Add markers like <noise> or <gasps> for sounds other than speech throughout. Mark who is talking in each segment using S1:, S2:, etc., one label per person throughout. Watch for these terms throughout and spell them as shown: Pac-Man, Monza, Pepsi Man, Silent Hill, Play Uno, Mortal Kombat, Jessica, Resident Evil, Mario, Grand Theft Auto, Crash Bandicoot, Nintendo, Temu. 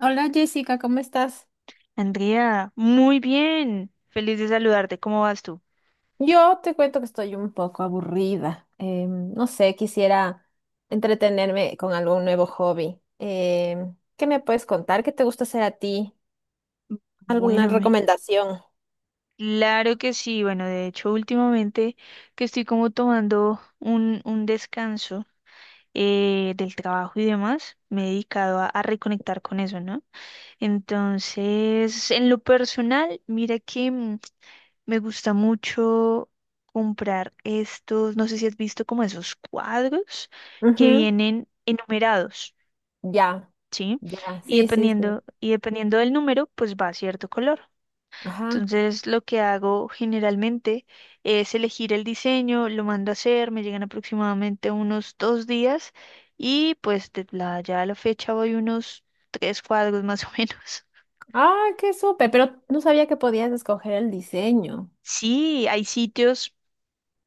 S1: Hola Jessica, ¿cómo estás?
S2: Andrea, muy bien. Feliz de saludarte. ¿Cómo vas tú?
S1: Yo te cuento que estoy un poco aburrida. No sé, quisiera entretenerme con algún nuevo hobby. ¿Qué me puedes contar? ¿Qué te gusta hacer a ti? ¿Alguna
S2: Bueno,
S1: recomendación?
S2: claro que sí. Bueno, de hecho, últimamente que estoy como tomando un descanso del trabajo y demás, me he dedicado a reconectar con eso, ¿no? Entonces, en lo personal, mira que me gusta mucho comprar estos, no sé si has visto como esos cuadros que
S1: Ujú.
S2: vienen enumerados.
S1: Ya,
S2: ¿Sí?
S1: ya,
S2: Y
S1: sí, sí,
S2: dependiendo,
S1: sí.
S2: y dependiendo del número, pues va a cierto color.
S1: Ajá.
S2: Entonces, lo que hago generalmente es elegir el diseño, lo mando a hacer, me llegan aproximadamente unos 2 días y pues ya a la fecha voy unos tres cuadros <laughs> más o menos.
S1: Ah, qué súper, pero no sabía que podías escoger el diseño.
S2: Sí, hay sitios,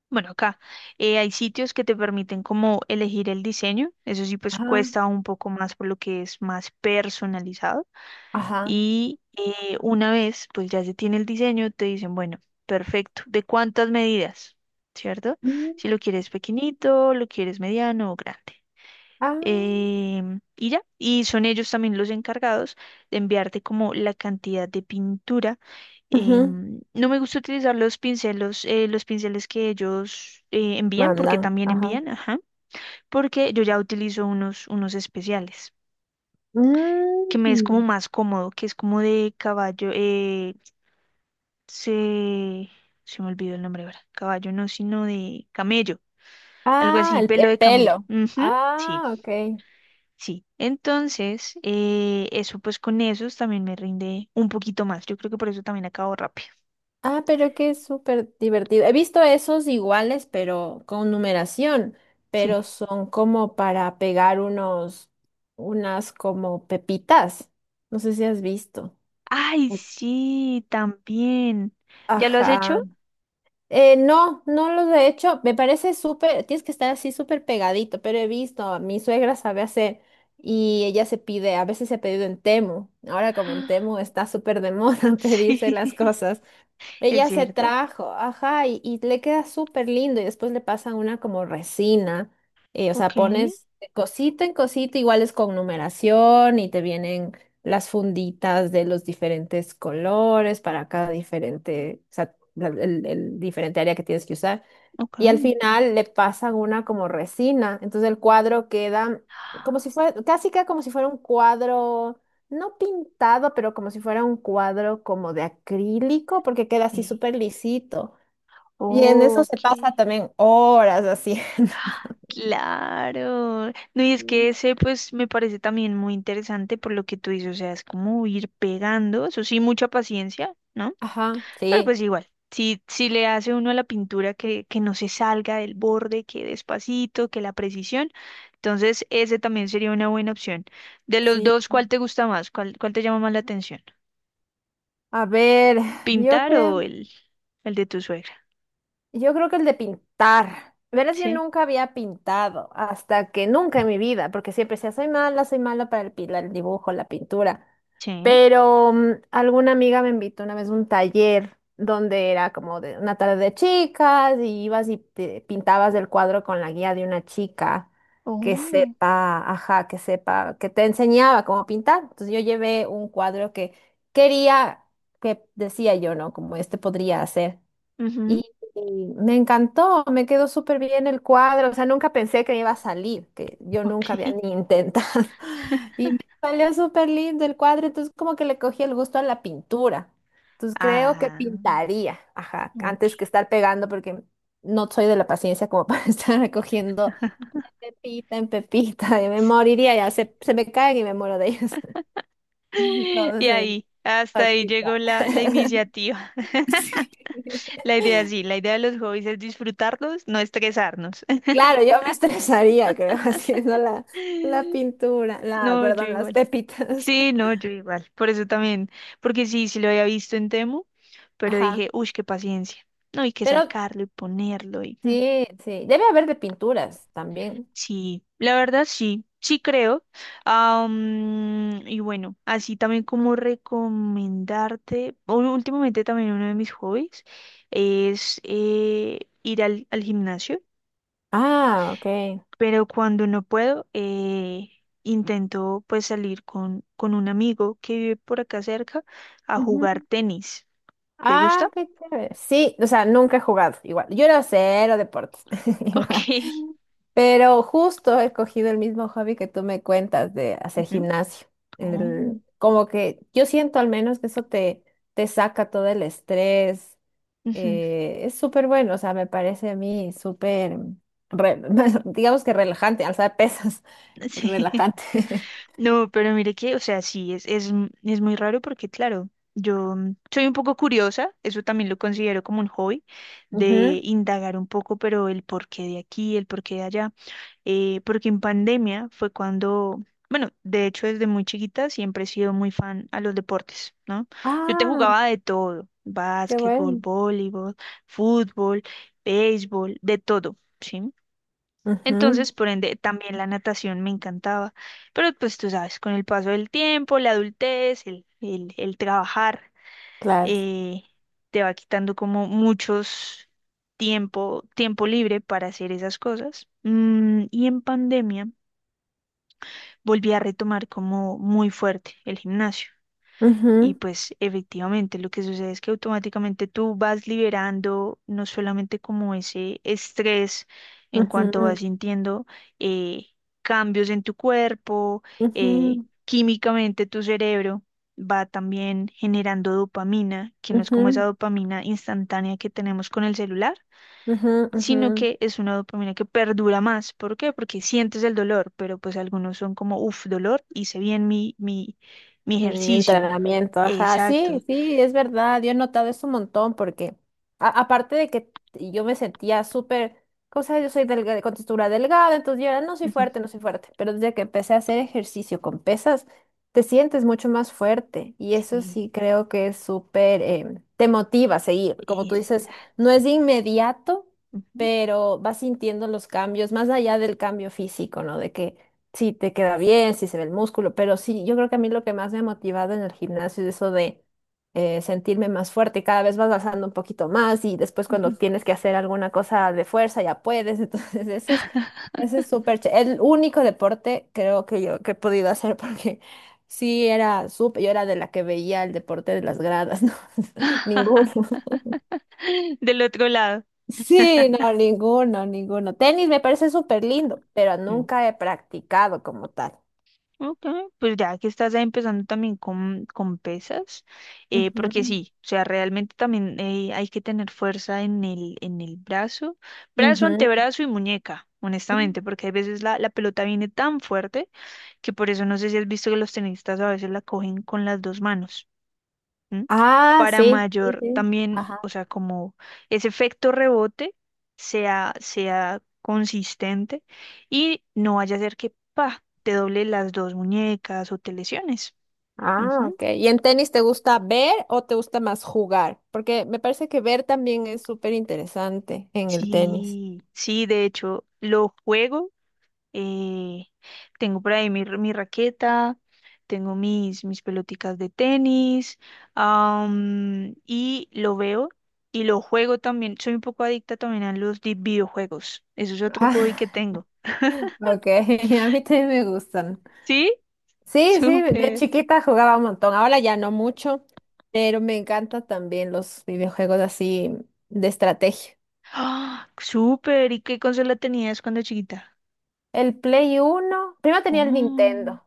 S2: bueno, acá hay sitios que te permiten como elegir el diseño, eso sí, pues
S1: Ajá,
S2: cuesta un poco más por lo que es más personalizado.
S1: ajá.
S2: Y una vez, pues ya se tiene el diseño, te dicen, bueno, perfecto, ¿de cuántas medidas? ¿Cierto?
S1: Mm.
S2: Si lo quieres pequeñito, lo quieres mediano o grande.
S1: Ah,
S2: Y ya, y son ellos también los encargados de enviarte como la cantidad de pintura.
S1: ujú.
S2: No me gusta utilizar los pinceles que ellos envían, porque
S1: Mandan,
S2: también
S1: ajá.
S2: envían, ajá, porque yo ya utilizo unos especiales que me es como
S1: Mm.
S2: más cómodo, que es como de caballo, se, se me olvidó el nombre ahora, caballo no, sino de camello, algo
S1: Ah,
S2: así,
S1: el,
S2: pelo
S1: el
S2: de camello.
S1: pelo.
S2: Ujú, sí,
S1: Ah, ok.
S2: sí. Entonces, eso pues con esos también me rinde un poquito más. Yo creo que por eso también acabo rápido.
S1: Ah, pero que es súper divertido. He visto esos iguales, pero con numeración, pero
S2: Sí.
S1: son como para pegar unos, unas como pepitas. No sé si has visto.
S2: Ay, sí, también. ¿Ya lo has hecho?
S1: Ajá. No, no los he hecho. Me parece súper, tienes que estar así súper pegadito, pero he visto, mi suegra sabe hacer y ella se pide, a veces se ha pedido en Temu. Ahora como en Temu
S2: <gasps>
S1: está súper de moda <laughs>
S2: Sí,
S1: pedirse las cosas.
S2: <laughs> es
S1: Ella se
S2: cierto.
S1: trajo, ajá, y le queda súper lindo y después le pasan una como resina, o
S2: Ok,
S1: sea, pones de cosita en cosita, igual es con numeración y te vienen las funditas de los diferentes colores para cada diferente, o sea, el diferente área que tienes que usar
S2: ok.
S1: y al final le pasan una como resina. Entonces el cuadro queda como si fuera, casi queda como si fuera un cuadro, no pintado, pero como si fuera un cuadro como de acrílico, porque queda así
S2: Sí.
S1: súper lisito. Y en eso se
S2: Ok.
S1: pasa también horas haciendo.
S2: Claro. No, y es que
S1: Mm.
S2: ese pues me parece también muy interesante por lo que tú dices, o sea, es como ir pegando, eso sí, mucha paciencia, ¿no?
S1: Ajá,
S2: Pero
S1: sí,
S2: pues igual, si le hace uno a la pintura que no se salga del borde, que despacito, que la precisión, entonces ese también sería una buena opción. De los
S1: sí.
S2: dos, ¿cuál te gusta más? ¿Cuál te llama más la atención?
S1: A ver, yo
S2: ¿Pintar
S1: creo.
S2: o el de tu suegra?
S1: Yo creo que el de pintar. Verás, yo
S2: Sí,
S1: nunca había pintado, hasta que nunca en mi vida, porque siempre decía, soy mala para el dibujo, la pintura.
S2: sí.
S1: Pero alguna amiga me invitó una vez a un taller donde era como de una tarde de chicas y ibas y te pintabas el cuadro con la guía de una chica que
S2: Oh,
S1: sepa, ajá, que sepa, que te enseñaba cómo pintar. Entonces yo llevé un cuadro que quería, que decía yo, ¿no? Como este podría hacer.
S2: ujú,
S1: Y, y me encantó, me quedó súper bien el cuadro, o sea, nunca pensé que me iba a salir, que yo nunca había
S2: ok.
S1: ni intentado. <laughs> Y me salió súper lindo el cuadro, entonces como que le cogí el gusto a la pintura. Entonces creo que
S2: Ah,
S1: pintaría, ajá,
S2: ok.
S1: antes que estar pegando, porque no soy de la paciencia como <laughs> para estar recogiendo
S2: <laughs>
S1: pepita en pepita, y me moriría ya, se me caen y me muero de ellos. <laughs>
S2: Y
S1: Entonces,
S2: ahí, hasta
S1: por
S2: ahí
S1: pintar.
S2: llegó la
S1: <laughs>
S2: iniciativa.
S1: Sí.
S2: La idea sí, la idea de los hobbies es disfrutarlos, no estresarnos.
S1: Claro, yo me estresaría, creo, <laughs> haciendo la
S2: <laughs>
S1: pintura, la,
S2: No, yo
S1: perdón, las
S2: igual.
S1: pepitas.
S2: Sí, no, yo igual. Por eso también, porque sí, sí lo había visto en Temu,
S1: <laughs>
S2: pero dije,
S1: Ajá.
S2: uy, qué paciencia. No hay que
S1: Pero
S2: sacarlo y ponerlo y.
S1: sí, sí, debe haber de pinturas también.
S2: Sí, la verdad sí, sí creo. Y bueno, así también como recomendarte, últimamente también uno de mis hobbies es ir al gimnasio,
S1: Ah, ok.
S2: pero cuando no puedo, intento pues salir con un amigo que vive por acá cerca a jugar
S1: Ujú.
S2: tenis. ¿Te
S1: Ah,
S2: gusta?
S1: qué chévere. Sí, o sea, nunca he jugado igual. Yo era cero deportes. <laughs> Igual.
S2: Ok.
S1: Pero justo he cogido el mismo hobby que tú me cuentas de
S2: <laughs>
S1: hacer
S2: Ujú.
S1: gimnasio.
S2: Oh,
S1: Como que yo siento al menos que eso te saca todo el estrés.
S2: ujú.
S1: Es súper bueno, o sea, me parece a mí súper, re- <laughs> digamos que relajante, alzar pesas, <laughs>
S2: <laughs> Sí.
S1: relajante.
S2: No, pero mire que, o sea, sí, es muy raro porque, claro, yo soy un poco curiosa, eso también lo considero como un hobby,
S1: <laughs>
S2: de
S1: Ujú.
S2: indagar un poco, pero el porqué de aquí, el porqué de allá, porque en pandemia fue cuando, bueno, de hecho desde muy chiquita siempre he sido muy fan a los deportes, ¿no? Yo te
S1: Ah,
S2: jugaba de todo,
S1: qué
S2: básquetbol,
S1: bueno.
S2: voleibol, fútbol, béisbol, de todo. ¿Sí?
S1: Ujú,
S2: Entonces, por ende, también la natación me encantaba. Pero pues tú sabes, con el paso del tiempo, la adultez, el trabajar,
S1: claro.
S2: eh, te va quitando como muchos tiempo libre para hacer esas cosas. Y en pandemia volví a retomar como muy fuerte el gimnasio. Y
S1: Ujú,
S2: pues efectivamente lo que sucede es que automáticamente tú vas liberando no solamente como ese estrés en cuanto
S1: ujú,
S2: vas sintiendo eh, cambios en tu cuerpo, eh,
S1: ujú,
S2: químicamente tu cerebro va también generando dopamina, que no es como esa
S1: ujú,
S2: dopamina instantánea que tenemos con el celular,
S1: ujú, ujú.
S2: sino que es una dopamina que perdura más. ¿Por qué? Porque sientes el dolor, pero pues algunos son como, uff, dolor, hice bien mi
S1: Mi
S2: ejercicio.
S1: entrenamiento, ajá, sí,
S2: Exacto,
S1: sí, es verdad, yo he notado eso un montón porque aparte de que yo me sentía súper, cosa yo soy delgada, con textura delgada, entonces yo era, no soy
S2: ujú.
S1: fuerte, no soy fuerte, pero desde que empecé a hacer ejercicio con pesas, te sientes mucho más fuerte y eso
S2: Sí,
S1: sí creo que es súper, te motiva a seguir, como tú dices, no
S2: exacto.
S1: es inmediato,
S2: Ujú,
S1: pero vas sintiendo los cambios, más allá del cambio físico, ¿no? De que si te queda bien, si se ve el músculo, pero sí, yo creo que a mí lo que más me ha motivado en el gimnasio es eso de sentirme más fuerte, cada vez vas alzando un poquito más y después cuando
S2: ujú.
S1: tienes que hacer alguna cosa de fuerza ya puedes, <laughs> entonces
S2: <laughs>
S1: ese es súper, ché el único deporte creo que yo que he podido hacer porque <laughs> sí era súper, yo era de la que veía el deporte de las gradas, <laughs> ¿no? Ninguno.
S2: Del otro lado.
S1: Sí, no, ninguno, ninguno. Tenis me parece súper lindo, pero
S2: Mm.
S1: nunca he practicado como tal.
S2: Ok, pues ya que estás ahí empezando también con pesas, porque
S1: Ujú.
S2: sí, o sea, realmente también hay que tener fuerza en el brazo,
S1: Ujú.
S2: antebrazo y muñeca, honestamente, porque a veces la pelota viene tan fuerte que por eso no sé si has visto que los tenistas a veces la cogen con las dos manos. ¿M?
S1: Ah,
S2: Para
S1: sí, sí,
S2: mayor
S1: sí.
S2: también,
S1: Ajá.
S2: o sea, como ese efecto rebote sea consistente y no vaya a ser que, pa, te doble las dos muñecas o te lesiones.
S1: Ah,
S2: Ujú.
S1: ok. ¿Y en tenis te gusta ver o te gusta más jugar? Porque me parece que ver también es súper interesante en el tenis.
S2: Sí, sí, de hecho, lo juego. Eh, Tengo por ahí mi raqueta, tengo mis peloticas de tenis, y lo veo y lo juego también. Soy un poco adicta también a los videojuegos. Eso es otro hobby que
S1: Ah,
S2: tengo.
S1: <laughs> ok, <laughs> a mí también me gustan.
S2: ¿Sí?
S1: Sí, sí,
S2: <laughs>
S1: de
S2: Súper.
S1: chiquita jugaba un montón, ahora ya no mucho, pero me encantan también los videojuegos así de estrategia.
S2: ¡Ah! Súper. ¿Y qué consola tenías cuando chiquita?
S1: El Play Uno. Primero tenía el
S2: Oh,
S1: Nintendo.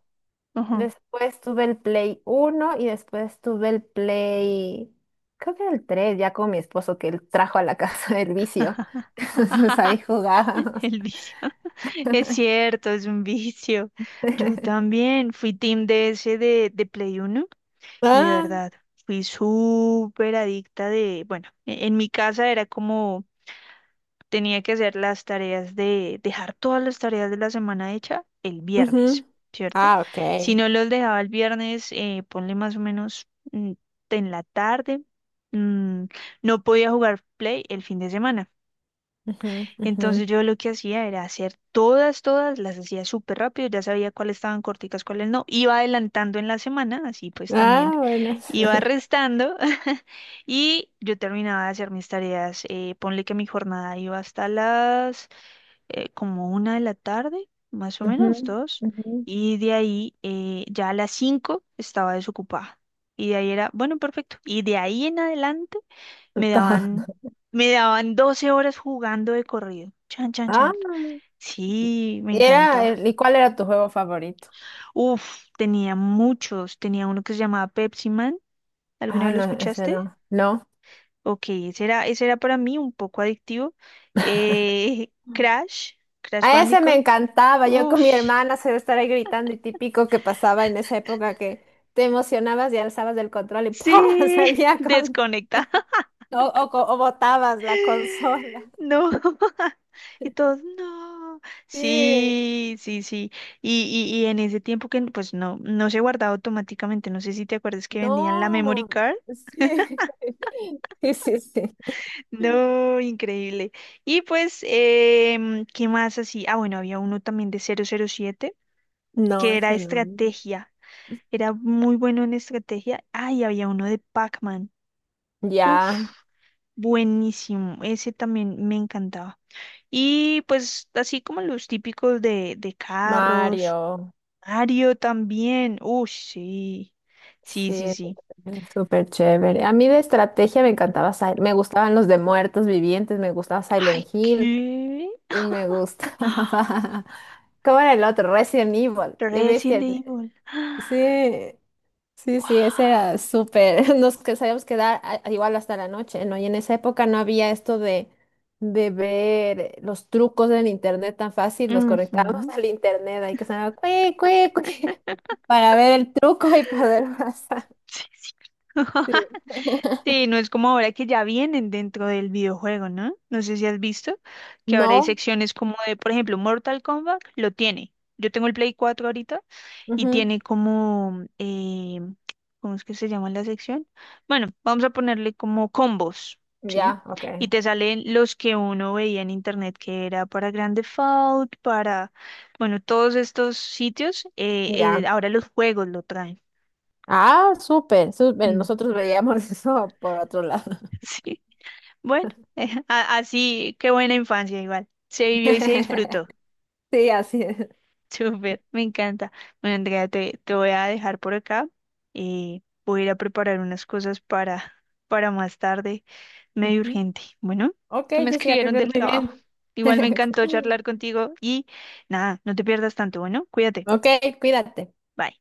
S2: ajá.
S1: Después tuve el Play uno y después tuve el Play, creo que era el 3 ya con mi esposo que él trajo a la <laughs> casa del vicio. <laughs> Entonces ahí
S2: <laughs>
S1: jugábamos.
S2: El vicio. <laughs> Es cierto, es un vicio. Yo
S1: <laughs>
S2: también fui team DS de Play Uno. Y de
S1: Ah,
S2: verdad, fui súper adicta bueno, en mi casa era como tenía que hacer las tareas de, dejar todas las tareas de la semana hecha el
S1: ujú.
S2: viernes, ¿cierto?
S1: Ah, ok.
S2: Si no los dejaba el viernes, ponle más o menos en la tarde, mm, no podía jugar Play el fin de semana.
S1: Ujú, ujú.
S2: Entonces yo lo que hacía era hacer todas, las hacía súper rápido, ya sabía cuáles estaban corticas, cuáles no. Iba adelantando en la semana, así pues también
S1: Ah, buenas.
S2: iba
S1: <laughs>
S2: restando. <laughs> Y yo terminaba de hacer mis tareas. Ponle que mi jornada iba hasta las como 1 de la tarde, más o
S1: Ujú,
S2: menos, dos.
S1: ujú.
S2: Y de ahí ya a las 5 estaba desocupada. Y de ahí era, bueno, perfecto. Y de ahí en adelante. Me
S1: Todo.
S2: daban, me daban 12 horas jugando de corrido. Chan, chan,
S1: Ah,
S2: chan. Sí, me
S1: y era
S2: encantaba.
S1: ¿y cuál era tu juego favorito?
S2: Uf, tenía muchos. Tenía uno que se llamaba Pepsi Man. ¿Alguna
S1: Ah,
S2: vez lo
S1: no, ese
S2: escuchaste?
S1: no. No.
S2: Ok, ese era, para mí un poco adictivo. Eh, Crash, Crash
S1: A ese me
S2: Bandicoot.
S1: encantaba. Yo
S2: Uf,
S1: con mi hermana se estar ahí gritando y típico que pasaba en esa época que te emocionabas y alzabas del control y ¡pah! <laughs>
S2: sí,
S1: salía
S2: <laughs>
S1: con
S2: desconectado.
S1: o botabas la consola.
S2: No. <laughs> Y todos, no.
S1: Sí,
S2: Sí, sí, sí. Y en ese tiempo que pues no se guardaba automáticamente. No sé si te acuerdas que vendían la memory
S1: no,
S2: card.
S1: sí, <laughs> sí, sí, sí.
S2: No, increíble. Y pues, ¿qué más así? Ah, bueno, había uno también de 007
S1: No,
S2: que era
S1: ese no.
S2: estrategia. Era muy bueno en estrategia. Ah, y había uno de Pac-Man. Uf,
S1: Ya,
S2: buenísimo. Ese también me encantaba. Y pues así como los típicos de carros,
S1: Mario.
S2: Mario también. Uy, sí. Sí, sí,
S1: Sí,
S2: sí.
S1: súper chévere. A mí de estrategia me encantaba, me gustaban los de muertos vivientes, me gustaba
S2: Ay,
S1: Silent Hill.
S2: ¿qué?
S1: Y me gusta. <laughs> ¿Cómo era el otro? Resident Evil. Qué
S2: Resident
S1: bestia.
S2: Evil. <gasps>
S1: Sí, sí, sí, ese era
S2: Wow.
S1: súper. <laughs> Nos que sabíamos quedar igual hasta la noche, ¿no? Y en esa época no había esto de ver los trucos del internet tan fácil. Nos conectábamos <laughs> al internet ahí que sonaba cue, cue, cue, <laughs> para ver el truco y poder <laughs> pasar.
S2: Sí, sí.
S1: Sí.
S2: <laughs> Sí, no es como ahora que ya vienen dentro del videojuego, ¿no? No sé si has visto que ahora hay
S1: No,
S2: secciones como de, por ejemplo, Mortal Kombat lo tiene. Yo tengo el Play 4 ahorita y
S1: ujú.
S2: tiene como, ¿cómo es que se llama la sección? Bueno, vamos a ponerle como combos, ¿sí?
S1: Ya, ok,
S2: Y te salen los que uno veía en internet que era para Grand Theft Auto, para, bueno, todos estos sitios,
S1: ya.
S2: ahora los juegos lo traen.
S1: Ah, súper, súper.
S2: Mm,
S1: Nosotros veíamos <laughs> eso por otro lado.
S2: <laughs> Sí, bueno, <laughs> así, qué buena infancia igual. Se vivió y se disfrutó.
S1: <laughs> Sí, así es.
S2: Súper, me encanta. Bueno, Andrea, te voy a dejar por acá y voy a ir a preparar unas cosas para más tarde, medio
S1: Ujú.
S2: urgente. Bueno,
S1: Ok,
S2: que me
S1: Jessica, que
S2: escribieron
S1: estés
S2: del
S1: muy
S2: trabajo.
S1: bien.
S2: Igual me encantó
S1: <laughs>
S2: charlar contigo y nada, no te pierdas tanto. Bueno, cuídate.
S1: Ok, cuídate.
S2: Bye.